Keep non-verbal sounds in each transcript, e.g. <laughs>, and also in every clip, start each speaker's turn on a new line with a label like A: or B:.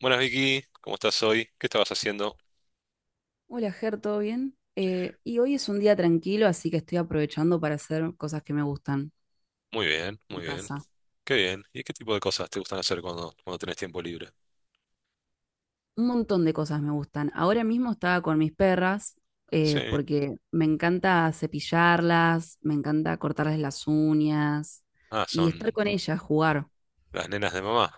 A: Buenas Vicky, ¿cómo estás hoy? ¿Qué estabas haciendo?
B: Hola, Ger, ¿todo bien? Y hoy es un día tranquilo, así que estoy aprovechando para hacer cosas que me gustan
A: Muy bien,
B: en
A: muy bien.
B: casa.
A: Qué bien. ¿Y qué tipo de cosas te gustan hacer cuando, tenés tiempo libre?
B: Un montón de cosas me gustan. Ahora mismo estaba con mis perras,
A: Sí.
B: porque me encanta cepillarlas, me encanta cortarles las uñas
A: Ah,
B: y estar
A: son
B: con ellas, jugar.
A: las nenas de mamá.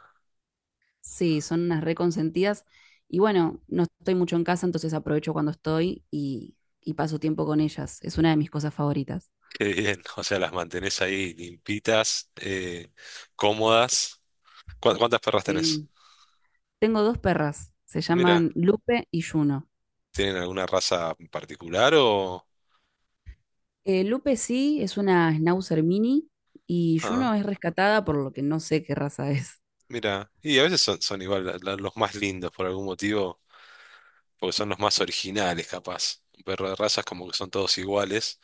B: Sí, son unas reconsentidas. Y bueno, no estoy mucho en casa, entonces aprovecho cuando estoy y paso tiempo con ellas. Es una de mis cosas favoritas.
A: <laughs> Qué bien. O sea, las mantenés ahí limpitas, cómodas. ¿¿Cuántas perras tenés?
B: Sí. Tengo dos perras, se
A: Mira,
B: llaman Lupe y Juno.
A: ¿tienen alguna raza en particular o...?
B: Lupe sí es una Schnauzer mini y
A: Ah,
B: Juno es rescatada por lo que no sé qué raza es. <laughs>
A: mira. Y a veces son, son igual los más lindos por algún motivo, porque son los más originales, capaz. Un perro de razas como que son todos iguales.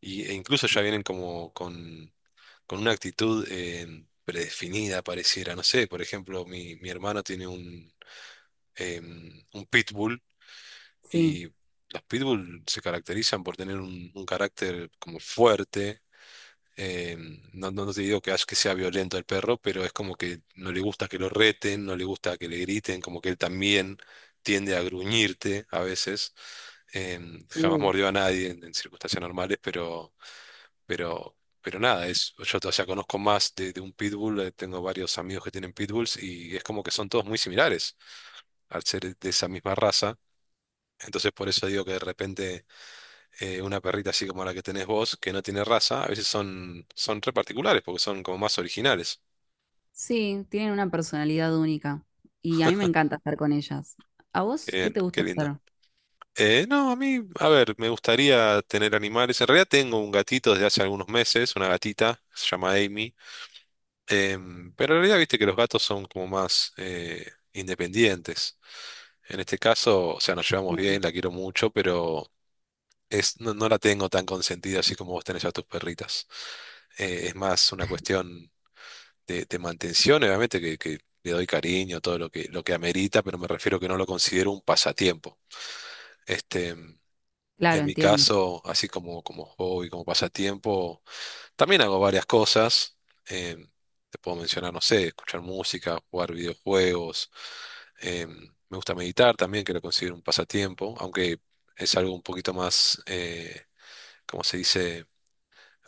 A: E incluso ya vienen como con una actitud predefinida, pareciera. No sé, por ejemplo, mi hermano tiene un pitbull
B: Sí.
A: y los pitbull se caracterizan por tener un carácter como fuerte. No te digo que sea violento el perro, pero es como que no le gusta que lo reten, no le gusta que le griten, como que él también tiende a gruñirte a veces. Jamás
B: Uh.
A: mordió a nadie en circunstancias normales, pero... pero nada, es, yo todavía conozco más de un pitbull, tengo varios amigos que tienen pitbulls y es como que son todos muy similares al ser de esa misma raza. Entonces por eso digo que de repente una perrita así como la que tenés vos, que no tiene raza, a veces son, son re particulares porque son como más originales.
B: Sí, tienen una personalidad única y a mí me encanta estar con ellas. ¿A
A: Qué
B: vos qué
A: bien,
B: te
A: qué
B: gusta
A: lindo.
B: hacer?
A: No, a mí, a ver, me gustaría tener animales. En realidad tengo un gatito desde hace algunos meses, una gatita, se llama Amy. Pero en realidad viste que los gatos son como más independientes. En este caso, o sea, nos llevamos
B: Sí.
A: bien, la quiero mucho, pero es, no, no la tengo tan consentida así como vos tenés a tus perritas. Es más una cuestión de mantención, obviamente, que le doy cariño, todo lo que amerita, pero me refiero que no lo considero un pasatiempo. Este,
B: Claro,
A: en mi
B: entiendo.
A: caso, así como, como hobby, como pasatiempo. También hago varias cosas. em, Te puedo mencionar, no sé, escuchar música, jugar videojuegos. em, Me gusta meditar también, que lo considero un pasatiempo, aunque es algo un poquito más, ¿cómo se dice?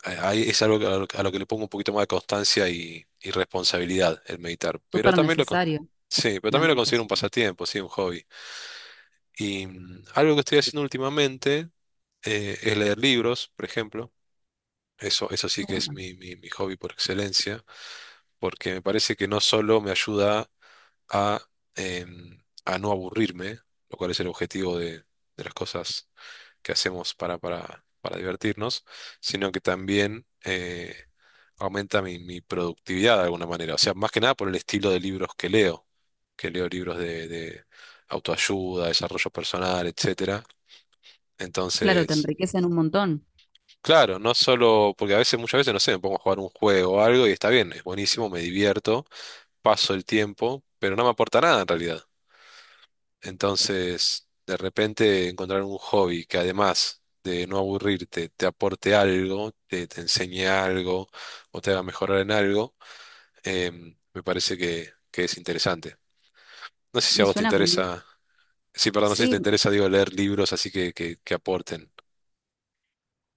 A: A- ahí Es algo a lo que le pongo un poquito más de constancia y responsabilidad el meditar. Pero
B: Súper
A: también
B: necesario
A: sí, pero
B: la
A: también lo considero un
B: meditación.
A: pasatiempo, sí, un hobby. Algo que estoy haciendo últimamente es leer libros, por ejemplo. Eso
B: Qué
A: sí que es
B: bueno,
A: mi hobby por excelencia. Porque me parece que no solo me ayuda a, a no aburrirme, lo cual es el objetivo de las cosas que hacemos para divertirnos, sino que también aumenta mi productividad de alguna manera. O sea, más que nada por el estilo de libros que leo libros de autoayuda, desarrollo personal, etcétera.
B: claro, te
A: Entonces...
B: enriquecen un montón.
A: Claro, no solo, porque a veces, muchas veces, no sé, me pongo a jugar un juego o algo y está bien, es buenísimo, me divierto, paso el tiempo, pero no me aporta nada en realidad. Entonces, de repente encontrar un hobby que además de no aburrirte, te aporte algo, te enseñe algo o te haga mejorar en algo, me parece que es interesante. No sé si a
B: Y
A: vos te
B: suena como...
A: interesa, sí, perdón, no sé si te
B: Sí,
A: interesa, digo, leer libros así que aporten.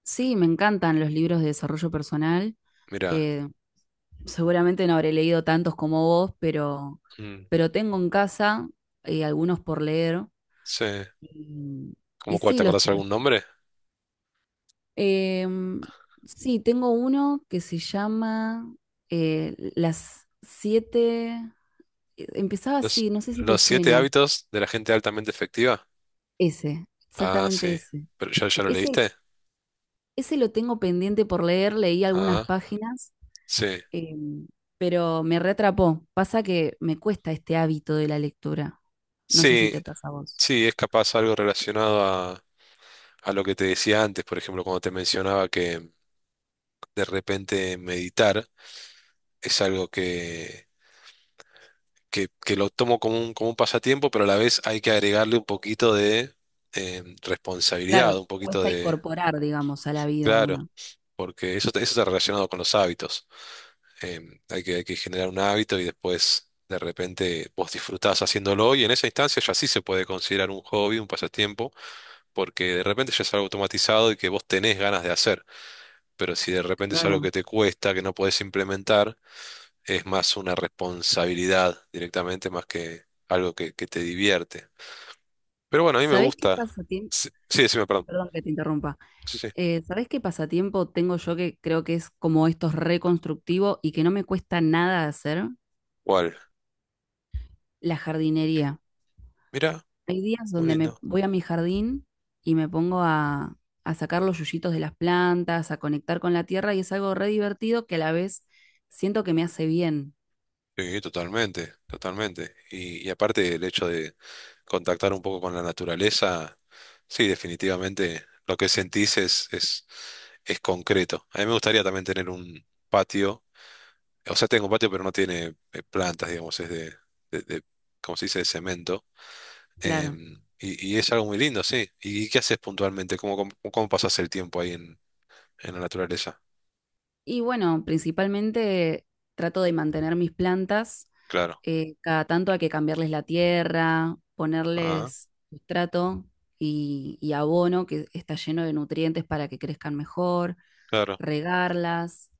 B: sí, me encantan los libros de desarrollo personal.
A: Mira,
B: Eh, Seguramente no habré leído tantos como vos,
A: mm,
B: pero tengo en casa algunos por leer.
A: sé,
B: Y, y
A: ¿cómo cuál?
B: sí,
A: ¿Te acordás algún nombre?
B: em, sí, tengo uno que se llama Las siete. Empezaba así,
A: Los,
B: no sé si te
A: los siete
B: suena.
A: hábitos de la gente altamente efectiva.
B: Ese,
A: Ah,
B: exactamente
A: sí.
B: ese.
A: ¿Pero ya, ya lo
B: Ese,
A: leíste?
B: ese lo tengo pendiente por leer, leí algunas
A: Ah,
B: páginas,
A: sí,
B: em, pero me reatrapó. Pasa que me cuesta este hábito de la lectura. No sé si
A: sí,
B: te pasa a vos.
A: sí, es capaz algo relacionado a lo que te decía antes, por ejemplo, cuando te mencionaba que de repente meditar es algo que lo tomo como como un pasatiempo, pero a la vez hay que agregarle un poquito de responsabilidad,
B: Claro,
A: un poquito
B: cuesta
A: de,
B: incorporar, digamos, a la vida de
A: claro,
B: uno.
A: porque eso, eso está relacionado con los hábitos. Em, hay que generar un hábito y después de repente vos disfrutás haciéndolo y en esa instancia ya sí se puede considerar un hobby, un pasatiempo porque de repente ya es algo automatizado y que vos tenés ganas de hacer, pero si de repente es algo
B: Claro.
A: que te cuesta, que no podés implementar, es más una responsabilidad directamente más que algo que te divierte. Pero bueno, a mí me
B: ¿Sabés qué
A: gusta.
B: pasatiempo?
A: Sí, sí, decime, perdón.
B: Perdón que te interrumpa.
A: Sí, sí.
B: ¿Sabés qué pasatiempo tengo yo que creo que es como estos es reconstructivo y que no me cuesta nada hacer?
A: ¿Cuál?
B: La jardinería.
A: Mira,
B: Hay días
A: muy
B: donde me
A: lindo.
B: voy a mi jardín y me pongo a sacar los yuyitos de las plantas, a conectar con la tierra y es algo re divertido que a la vez siento que me hace bien.
A: Sí, totalmente, totalmente. Y aparte el hecho de contactar un poco con la naturaleza, sí, definitivamente lo que sentís es concreto. A mí me gustaría también tener un patio. O sea, tengo un patio, pero no tiene plantas, digamos, es de, ¿cómo se dice?, de cemento.
B: Claro.
A: Y es algo muy lindo, sí. ¿Y qué haces puntualmente? Cómo pasas el tiempo ahí en la naturaleza?
B: Y bueno, principalmente trato de mantener mis plantas,
A: Claro.
B: cada tanto hay que cambiarles la tierra,
A: Ah,
B: ponerles sustrato y abono que está lleno de nutrientes para que crezcan mejor,
A: claro.
B: regarlas.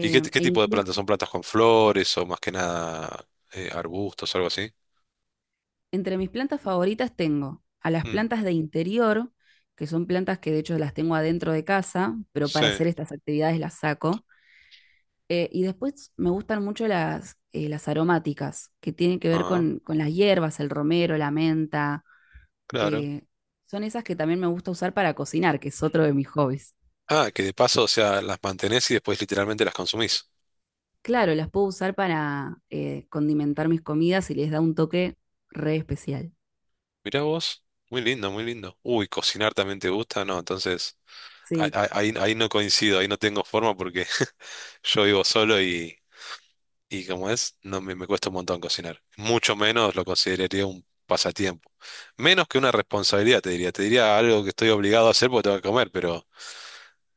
A: ¿Y qué
B: E
A: tipo de
B: incluso
A: plantas? ¿Son plantas con flores o más que nada arbustos, algo así?
B: entre mis plantas favoritas tengo a las
A: Mm,
B: plantas de interior, que son plantas que de hecho las tengo adentro de casa, pero para
A: sí.
B: hacer estas actividades las saco. Y después me gustan mucho las aromáticas, que tienen que ver
A: Ah,
B: con las hierbas, el romero, la menta.
A: claro.
B: eh, Son esas que también me gusta usar para cocinar, que es otro de mis hobbies.
A: Ah, que de paso, o sea, las mantenés y después literalmente las consumís.
B: Claro, las puedo usar para condimentar mis comidas y les da un toque re especial.
A: Mirá vos. Muy lindo, muy lindo. Uy, cocinar también te gusta, ¿no? Entonces...
B: Sí,
A: Ahí, ahí no coincido, ahí no tengo forma porque <laughs> yo vivo solo y como es, no me, me cuesta un montón cocinar. Mucho menos lo consideraría un pasatiempo. Menos que una responsabilidad, te diría. Te diría algo que estoy obligado a hacer porque tengo que comer, pero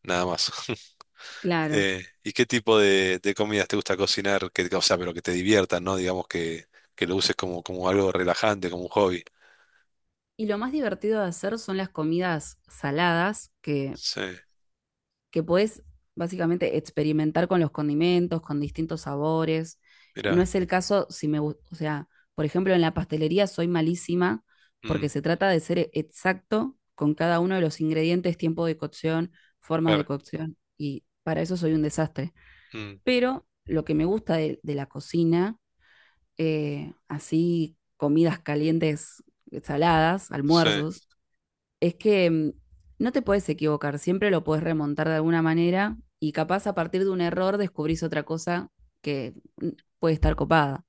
A: nada más. <laughs>
B: claro.
A: ¿Y qué tipo de comidas te gusta cocinar? Que, o sea, pero que te diviertan, ¿no? Digamos que lo uses como, como algo relajante, como un hobby.
B: Y lo más divertido de hacer son las comidas saladas, que
A: Sí,
B: puedes básicamente experimentar con los condimentos, con distintos sabores. No
A: mira.
B: es el caso si me o sea, por ejemplo, en la pastelería soy malísima
A: Mm,
B: porque se trata de ser exacto con cada uno de los ingredientes, tiempo de cocción, formas de
A: claro.
B: cocción, y para eso soy un desastre.
A: Mm,
B: Pero lo que me gusta de la cocina, así comidas calientes, saladas,
A: sí.
B: almuerzos, es que no te puedes equivocar, siempre lo puedes remontar de alguna manera y capaz a partir de un error descubrís otra cosa que puede estar copada.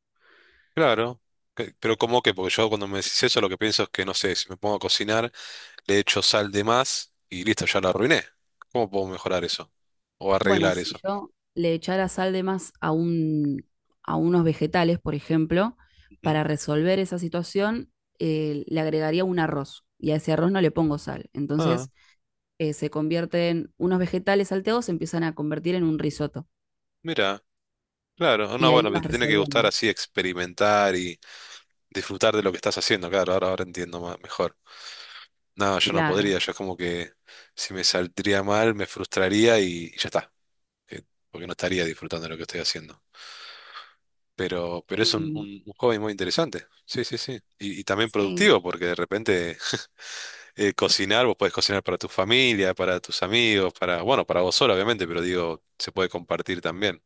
A: Claro, pero ¿cómo que? Porque yo cuando me decís eso lo que pienso es que, no sé, si me pongo a cocinar, le echo sal de más y listo, ya la arruiné. ¿Cómo puedo mejorar eso? O
B: Bueno,
A: arreglar
B: si
A: eso.
B: yo le echara sal de más a un, a unos vegetales, por ejemplo,
A: Ujú.
B: para resolver esa situación, le agregaría un arroz y a ese arroz no le pongo sal.
A: Ah,
B: Entonces se convierten unos vegetales salteados, se empiezan a convertir en un risotto
A: mira, claro,
B: y
A: no,
B: ahí
A: bueno,
B: vas
A: te tiene que gustar
B: resolviendo.
A: así experimentar y disfrutar de lo que estás haciendo, claro, ahora, ahora entiendo mejor. No, yo no
B: Claro.
A: podría, yo es como que si me saldría mal me frustraría y ya está, eh, porque no estaría disfrutando de lo que estoy haciendo. Pero
B: Y,
A: es
B: mm,
A: un hobby muy interesante. Sí, sí, sí. Y también
B: sí.
A: productivo, porque de repente cocinar, vos podés cocinar para tu familia, para tus amigos, para, bueno, para vos solo, obviamente, pero digo, se puede compartir también.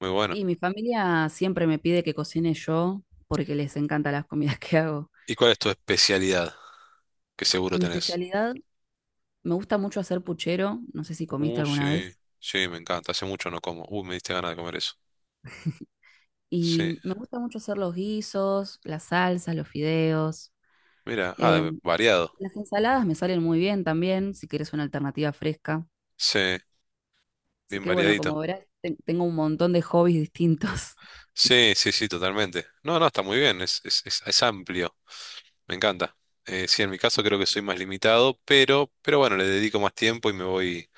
A: Muy bueno.
B: Y mi familia siempre me pide que cocine yo porque les encantan las comidas que hago.
A: ¿Y cuál es tu especialidad? Que seguro
B: Mi
A: tenés.
B: especialidad, me gusta mucho hacer puchero, no sé si comiste alguna
A: Sí,
B: vez,
A: sí, me encanta. Hace mucho no como. Me diste ganas de comer eso. Sí.
B: y me gusta mucho hacer los guisos, las salsas, los fideos.
A: Mira,
B: Eh,
A: variado.
B: las ensaladas me salen muy bien también, si quieres una alternativa fresca.
A: Sí,
B: Así
A: bien
B: que bueno, como
A: variadito.
B: verás, tengo un montón de hobbies distintos. <laughs>
A: Sí, sí, sí, totalmente. No, no, está muy bien. Es amplio. Me encanta. Sí, en mi caso creo que soy más limitado, pero bueno, le dedico más tiempo y me voy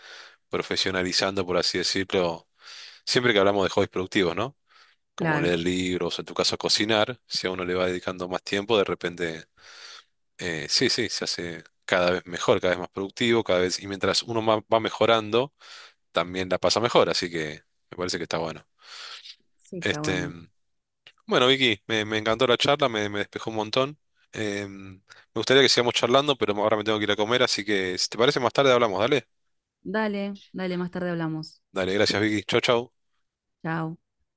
A: profesionalizando, por así decirlo, siempre que hablamos de hobbies productivos, ¿no? Como
B: Claro,
A: leer libros, en tu caso cocinar, si a uno le va dedicando más tiempo, de repente, sí, sí, se hace cada vez mejor, cada vez más productivo, cada vez, y mientras va mejorando, también la pasa mejor, así que me parece que está bueno.
B: sí, está
A: Este,
B: bueno.
A: bueno, Vicky, me encantó la charla, me despejó un montón. Me gustaría que sigamos charlando, pero ahora me tengo que ir a comer, así que si te parece más tarde hablamos, dale.
B: Dale, dale, más tarde hablamos.
A: Dale, gracias, Vicky. Chau, chau.
B: Chao.